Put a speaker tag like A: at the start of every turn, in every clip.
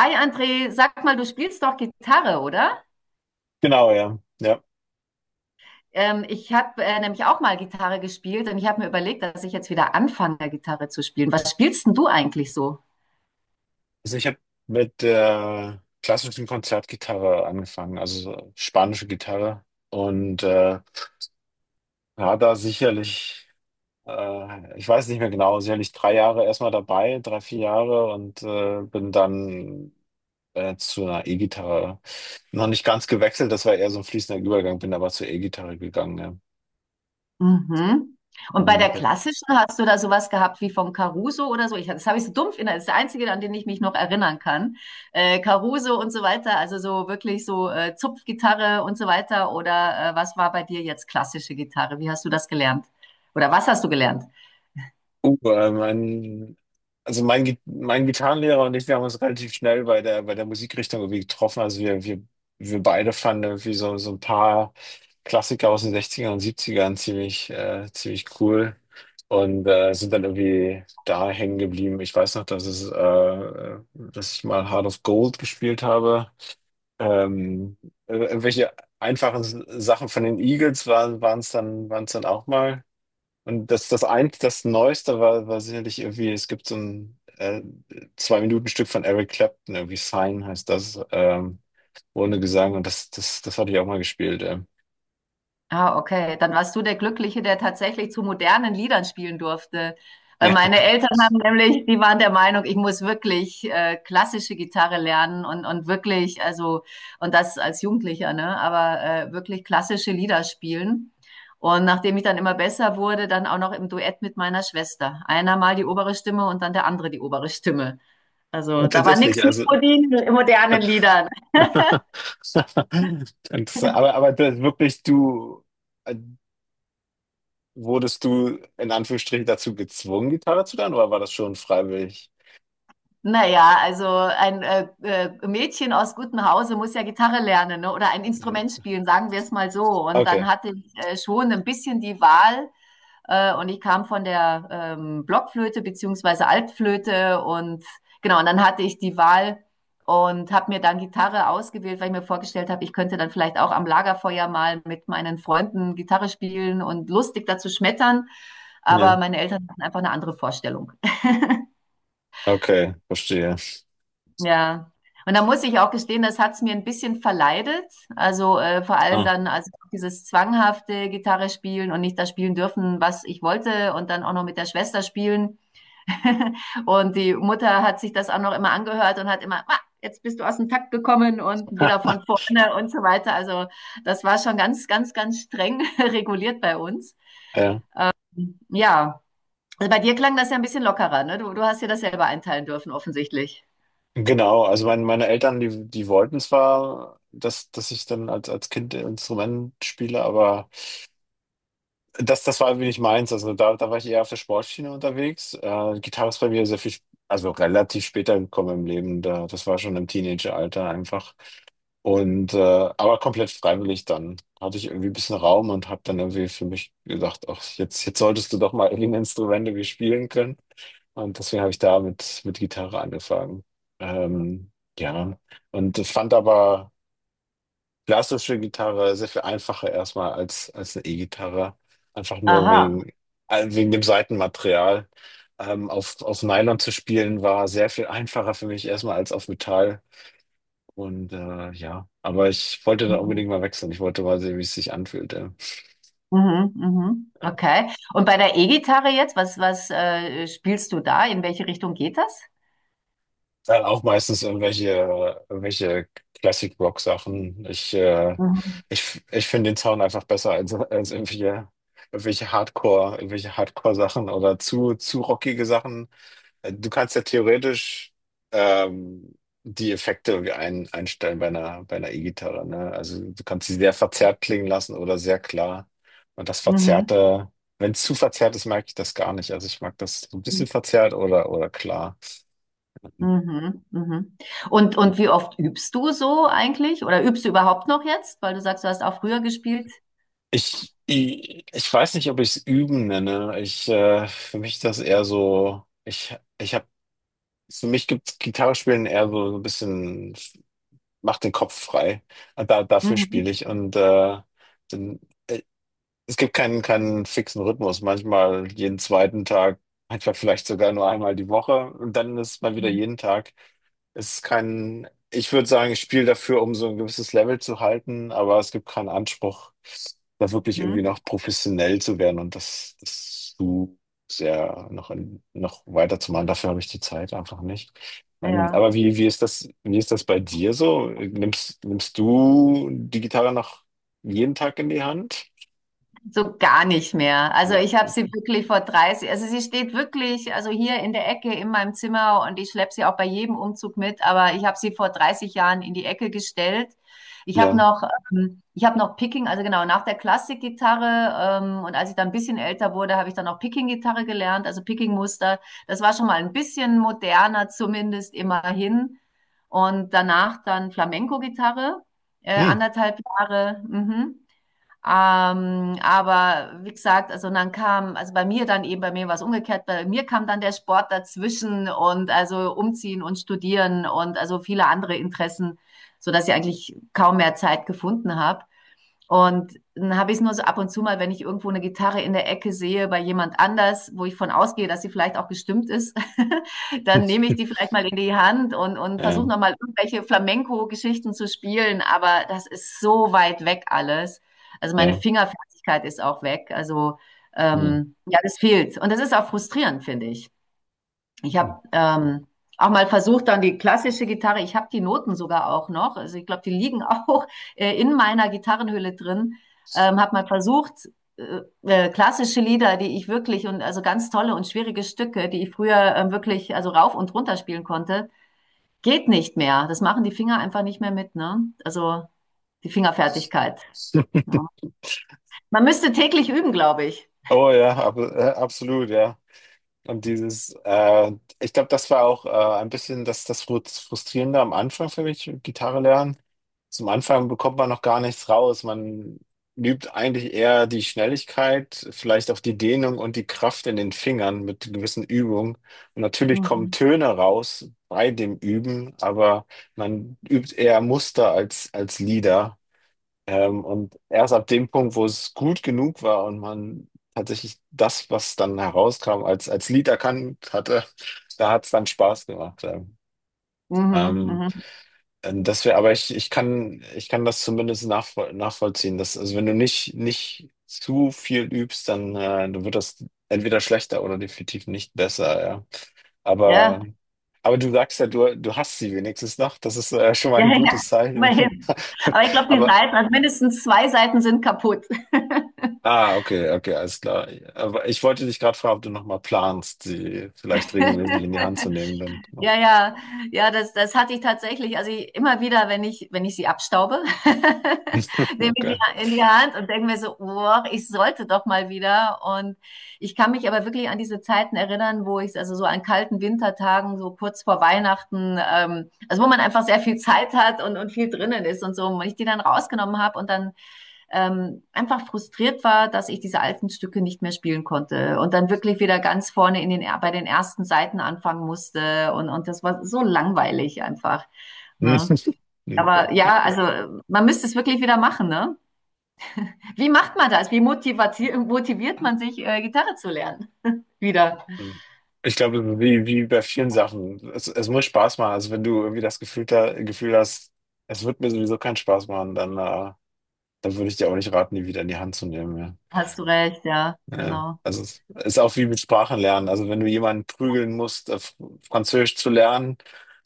A: Hi André, sag mal, du spielst doch Gitarre, oder?
B: Genau, ja. Ja.
A: Ich habe nämlich auch mal Gitarre gespielt und ich habe mir überlegt, dass ich jetzt wieder anfange, Gitarre zu spielen. Was spielst denn du eigentlich so?
B: Also ich habe mit der klassischen Konzertgitarre angefangen, also so spanische Gitarre. Und war da sicherlich, ich weiß nicht mehr genau, sicherlich drei Jahre erstmal dabei, drei, vier Jahre und bin dann zu einer E-Gitarre noch nicht ganz gewechselt, das war eher so ein fließender Übergang, bin aber zur E-Gitarre gegangen, ja.
A: Mhm. Und bei der
B: Und
A: klassischen hast du da sowas gehabt wie vom Caruso oder so? Das habe ich so dumpf das ist der einzige, an den ich mich noch erinnern kann. Caruso und so weiter, also so wirklich so Zupfgitarre und so weiter. Oder was war bei dir jetzt klassische Gitarre? Wie hast du das gelernt? Oder was hast du gelernt?
B: Mein, also mein, Gi- Mein Gitarrenlehrer und ich, wir haben uns relativ schnell bei der Musikrichtung irgendwie getroffen. Also wir beide fanden irgendwie so, so ein paar Klassiker aus den 60 und 70 ziemlich, ziemlich cool und sind dann irgendwie da hängen geblieben. Ich weiß noch, dass ich mal Heart of Gold gespielt habe. Ähm, Irgendwelche einfachen Sachen von den Eagles waren es dann auch mal. Und das Neueste war, war sicherlich irgendwie, es gibt so ein Zwei-Minuten-Stück von Eric Clapton, irgendwie Sign heißt das, ohne Gesang. Und das hatte ich auch mal gespielt.
A: Ah, okay. Dann warst du der Glückliche, der tatsächlich zu modernen Liedern spielen durfte. Weil
B: Ja,
A: meine Eltern haben nämlich, die waren der Meinung, ich muss wirklich klassische Gitarre lernen und wirklich, also, und das als Jugendlicher, ne? Aber wirklich klassische Lieder spielen. Und nachdem ich dann immer besser wurde, dann auch noch im Duett mit meiner Schwester. Einer mal die obere Stimme und dann der andere die obere Stimme. Also da war
B: tatsächlich,
A: nichts mit
B: also.
A: modernen Liedern.
B: Interessant. Aber das wirklich, äh, wurdest du in Anführungsstrichen dazu gezwungen, Gitarre zu lernen, oder war das schon freiwillig?
A: Naja, also ein Mädchen aus gutem Hause muss ja Gitarre lernen, ne? Oder ein Instrument spielen, sagen wir es mal so. Und dann
B: Okay,
A: hatte ich schon ein bisschen die Wahl und ich kam von der Blockflöte beziehungsweise Altflöte und genau, und dann hatte ich die Wahl und habe mir dann Gitarre ausgewählt, weil ich mir vorgestellt habe, ich könnte dann vielleicht auch am Lagerfeuer mal mit meinen Freunden Gitarre spielen und lustig dazu schmettern. Aber
B: ja,
A: meine Eltern hatten einfach eine andere Vorstellung.
B: okay, verstehe.
A: Ja. Und da muss ich auch gestehen, das hat's mir ein bisschen verleidet. Also vor allem
B: Ah.
A: dann, also dieses zwanghafte Gitarre spielen und nicht das spielen dürfen, was ich wollte, und dann auch noch mit der Schwester spielen. Und die Mutter hat sich das auch noch immer angehört und hat immer, ah, jetzt bist du aus dem Takt gekommen und wieder von vorne und so weiter. Also das war schon ganz, ganz, ganz streng reguliert bei uns.
B: Ja.
A: Ja, also bei dir klang das ja ein bisschen lockerer, ne? Du hast dir das selber einteilen dürfen, offensichtlich.
B: Genau, also meine Eltern, die wollten zwar, dass ich dann als Kind Instrument spiele, aber das war irgendwie nicht meins. Also da war ich eher auf der Sportschiene unterwegs. Gitarre ist bei mir sehr viel, also relativ später gekommen im Leben. Das war schon im Teenageralter einfach. Und aber komplett freiwillig dann. Hatte ich irgendwie ein bisschen Raum und habe dann irgendwie für mich gedacht, ach, jetzt solltest du doch mal irgendwie Instrumente wie spielen können. Und deswegen habe ich da mit Gitarre angefangen. Ähm, ja, und ich fand aber klassische Gitarre sehr viel einfacher erstmal als eine E-Gitarre. Einfach nur
A: Aha.
B: wegen, wegen dem Saitenmaterial. Auf Nylon zu spielen war sehr viel einfacher für mich erstmal als auf Metall. Und ja, aber ich wollte da unbedingt mal wechseln. Ich wollte mal sehen, wie es sich anfühlt. Ja.
A: Mhm, mhm. Okay. Und bei der E-Gitarre jetzt, was spielst du da? In welche Richtung geht das?
B: Dann auch meistens irgendwelche Classic-Rock-Sachen. Ich, äh,
A: Mhm.
B: ich, ich, finde den Sound einfach besser als irgendwelche Hardcore-Sachen oder zu rockige Sachen. Du kannst ja theoretisch ähm, die Effekte irgendwie einstellen bei einer E-Gitarre, ne? Also du kannst sie sehr verzerrt klingen lassen oder sehr klar. Und das
A: Mhm.
B: Verzerrte, wenn es zu verzerrt ist, mag ich das gar nicht. Also ich mag das so ein bisschen verzerrt oder klar.
A: Mhm. Mhm. Und wie oft übst du so eigentlich? Oder übst du überhaupt noch jetzt? Weil du sagst, du hast auch früher gespielt.
B: Ich weiß nicht, ob ich es üben nenne. Für mich ist das eher so, für mich gibt Gitarre spielen eher so, so ein bisschen, macht den Kopf frei. Und dafür spiele
A: Mhm.
B: ich. Und dann, äh, es gibt keinen fixen Rhythmus. Manchmal jeden zweiten Tag, manchmal vielleicht sogar nur einmal die Woche. Und dann ist mal wieder jeden Tag, es ist kein, ich würde sagen, ich spiele dafür, um so ein gewisses Level zu halten, aber es gibt keinen Anspruch, da wirklich irgendwie
A: Mhm.
B: noch professionell zu werden und das, das zu sehr noch, in, noch weiterzumachen. Dafür habe ich die Zeit einfach nicht.
A: Ja.
B: Aber wie, wie ist das bei dir so? Nimmst du die Gitarre noch jeden Tag in die Hand?
A: So gar nicht mehr. Also
B: Ja.
A: ich habe sie wirklich vor 30, also sie steht wirklich, also hier in der Ecke in meinem Zimmer und ich schleppe sie auch bei jedem Umzug mit, aber ich habe sie vor 30 Jahren in die Ecke gestellt. Ich habe
B: Ja.
A: noch, ich habe noch Picking, also genau, nach der Klassikgitarre und als ich dann ein bisschen älter wurde, habe ich dann auch Picking-Gitarre gelernt, also Picking-Muster. Das war schon mal ein bisschen moderner zumindest immerhin. Und danach dann Flamenco-Gitarre,
B: Hm.
A: anderthalb Jahre. Mhm. Aber wie gesagt, also dann kam, also bei mir dann eben, bei mir war es umgekehrt, bei mir kam dann der Sport dazwischen und also umziehen und studieren und also viele andere Interessen, so dass ich eigentlich kaum mehr Zeit gefunden habe. Und dann habe ich es nur so ab und zu mal, wenn ich irgendwo eine Gitarre in der Ecke sehe bei jemand anders, wo ich von ausgehe, dass sie vielleicht auch gestimmt ist, dann nehme ich die vielleicht mal in die Hand und versuche
B: Ja,
A: nochmal irgendwelche Flamenco-Geschichten zu spielen. Aber das ist so weit weg alles. Also meine
B: ja.
A: Fingerfertigkeit ist auch weg. Also
B: Hm.
A: ja, das fehlt. Und das ist auch frustrierend, finde ich. Ich habe auch mal versucht, dann die klassische Gitarre, ich habe die Noten sogar auch noch, also ich glaube, die liegen auch in meiner Gitarrenhülle drin, habe mal versucht, klassische Lieder, die ich wirklich und also ganz tolle und schwierige Stücke, die ich früher wirklich also rauf und runter spielen konnte, geht nicht mehr. Das machen die Finger einfach nicht mehr mit, ne? Also die Fingerfertigkeit. Ne? Man müsste täglich üben, glaube ich.
B: Oh ja, absolut, ja. Und dieses, ich glaube, das war auch ein bisschen das Frustrierende am Anfang für mich, Gitarre lernen. Zum Anfang bekommt man noch gar nichts raus. Man übt eigentlich eher die Schnelligkeit, vielleicht auch die Dehnung und die Kraft in den Fingern mit gewissen Übungen. Und natürlich kommen
A: Mhm.
B: Töne raus bei dem Üben, aber man übt eher Muster als Lieder. Und erst ab dem Punkt, wo es gut genug war und man tatsächlich das, was dann herauskam, als Lied erkannt hatte, da hat es dann Spaß gemacht. Ja.
A: Mhm,
B: Ähm,
A: mhm.
B: aber ich kann das zumindest nachvollziehen. Dass, also wenn du nicht zu viel übst, dann, dann wird das entweder schlechter oder definitiv nicht besser, ja.
A: Ja.
B: Aber, aber du sagst ja, du hast sie wenigstens noch. Das ist, schon mal
A: Ja,
B: ein
A: ja,
B: gutes Zeichen.
A: immerhin. Aber ich glaube, die
B: Aber
A: Seiten, also mindestens zwei Seiten sind kaputt.
B: Ah, okay, okay, alles klar. Aber ich wollte dich gerade fragen, ob du nochmal planst, sie vielleicht regelmäßig in die Hand zu nehmen, dann.
A: Ja, ja, ja, das hatte ich tatsächlich. Also ich, immer wieder, wenn ich sie abstaube, nehme ich
B: Okay.
A: sie in die Hand und denke mir so, boah, ich sollte doch mal wieder. Und ich kann mich aber wirklich an diese Zeiten erinnern, wo ich, also so an kalten Wintertagen, so kurz vor Weihnachten, also wo man einfach sehr viel Zeit hat und viel drinnen ist und so, und ich die dann rausgenommen habe und dann einfach frustriert war, dass ich diese alten Stücke nicht mehr spielen konnte und dann wirklich wieder ganz vorne in den, bei den ersten Seiten anfangen musste und das war so langweilig einfach.
B: Hm,
A: Ne?
B: okay.
A: Aber ja, also man müsste es wirklich wieder machen. Ne? Wie macht man das? Wie motiviert man sich, Gitarre zu lernen? Wieder.
B: Hm. Ich glaube, wie, wie bei vielen Sachen, es muss Spaß machen. Also wenn du irgendwie das Gefühl hast, es wird mir sowieso keinen Spaß machen, dann, dann würde ich dir auch nicht raten, die wieder in die Hand zu nehmen. Ja.
A: Hast du recht, ja,
B: Ja.
A: genau.
B: Also es ist auch wie mit Sprachen lernen. Also wenn du jemanden prügeln musst, Französisch zu lernen,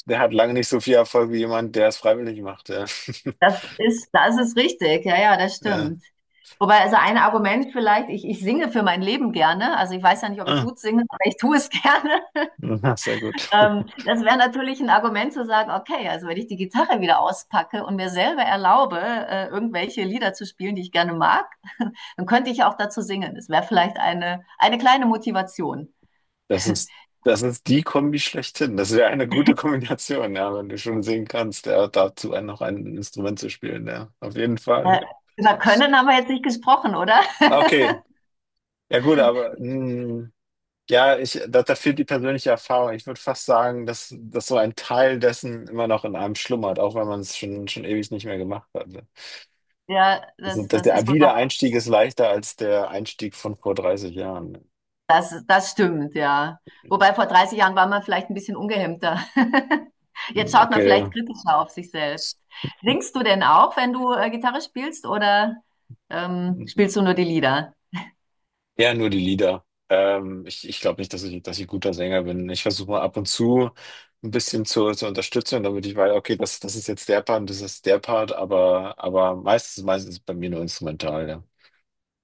B: der hat lange nicht so viel Erfolg wie jemand, der es freiwillig macht. Ja.
A: Das ist richtig. Ja, ja, das
B: Ja.
A: stimmt. Wobei, also ein Argument vielleicht, ich singe für mein Leben gerne. Also ich weiß ja nicht, ob ich
B: Ah,
A: gut singe, aber ich tue es gerne.
B: na, sehr gut.
A: Das wäre natürlich ein Argument zu sagen, okay, also wenn ich die Gitarre wieder auspacke und mir selber erlaube, irgendwelche Lieder zu spielen, die ich gerne mag, dann könnte ich ja auch dazu singen. Das wäre vielleicht eine kleine Motivation.
B: Das ist, das ist die Kombi schlechthin. Das wäre eine gute Kombination, ja, wenn du schon singen kannst, ja, dazu ein- noch ein Instrument zu spielen, ja, auf jeden
A: Äh,
B: Fall.
A: über Können haben wir jetzt nicht gesprochen, oder?
B: Okay, ja gut, aber hm, ja, da fehlt die persönliche Erfahrung. Ich würde fast sagen, dass so ein Teil dessen immer noch in einem schlummert, auch wenn man es schon ewig nicht mehr gemacht hat. Ja.
A: Ja,
B: Also, dass
A: das
B: der
A: ist wohl wahr.
B: Wiedereinstieg ist leichter als der Einstieg von vor 30 Jahren.
A: Das stimmt, ja. Wobei vor 30 Jahren war man vielleicht ein bisschen ungehemmter. Jetzt
B: Hm,
A: schaut man vielleicht
B: okay.
A: kritischer auf sich selbst. Singst du denn auch, wenn du Gitarre spielst, oder spielst du nur die Lieder?
B: Ja, nur die Lieder. Ich glaube nicht, dass ich guter Sänger bin. Ich versuche mal ab und zu ein bisschen zu unterstützen, damit ich weiß, okay, das ist jetzt der Part und das ist der Part, aber meistens ist bei mir nur instrumental, ja.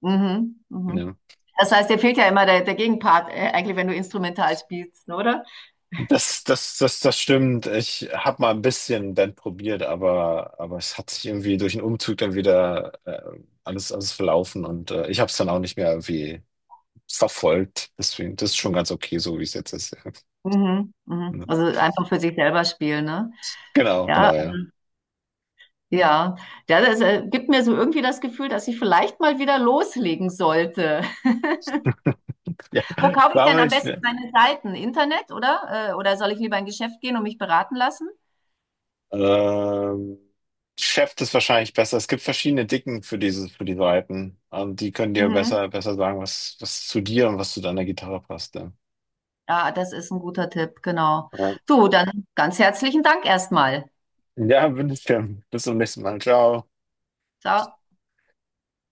A: Mhm, mhm.
B: Ja.
A: Das heißt, dir fehlt ja immer der Gegenpart, eigentlich, wenn du instrumental spielst, ne, oder?
B: Das das stimmt. Ich habe mal ein bisschen Band probiert, aber es hat sich irgendwie durch den Umzug dann wieder alles, verlaufen und ich habe es dann auch nicht mehr irgendwie verfolgt. Deswegen, das ist schon ganz okay, so wie es jetzt ist. Ja.
A: Mhm, mhm.
B: Ja.
A: Also einfach für sich selber spielen, ne?
B: Genau,
A: Ja,
B: genau, ja.
A: ja. Ja, das gibt mir so irgendwie das Gefühl, dass ich vielleicht mal wieder loslegen sollte.
B: Ja,
A: Wo kaufe ich
B: warum
A: denn am
B: nicht?
A: besten
B: Ne?
A: meine Seiten? Internet, oder? Oder soll ich lieber in ein Geschäft gehen und mich beraten lassen?
B: Ähm, Chef ist wahrscheinlich besser. Es gibt verschiedene Dicken für diese, für die Seiten. Die können dir
A: Mhm.
B: besser, besser sagen, was, was zu dir und was zu deiner Gitarre passt. Ja,
A: Ja, das ist ein guter Tipp, genau. Du, dann ganz herzlichen Dank erstmal.
B: ja wünsche ich dir. Bis zum nächsten Mal. Ciao.
A: Ciao.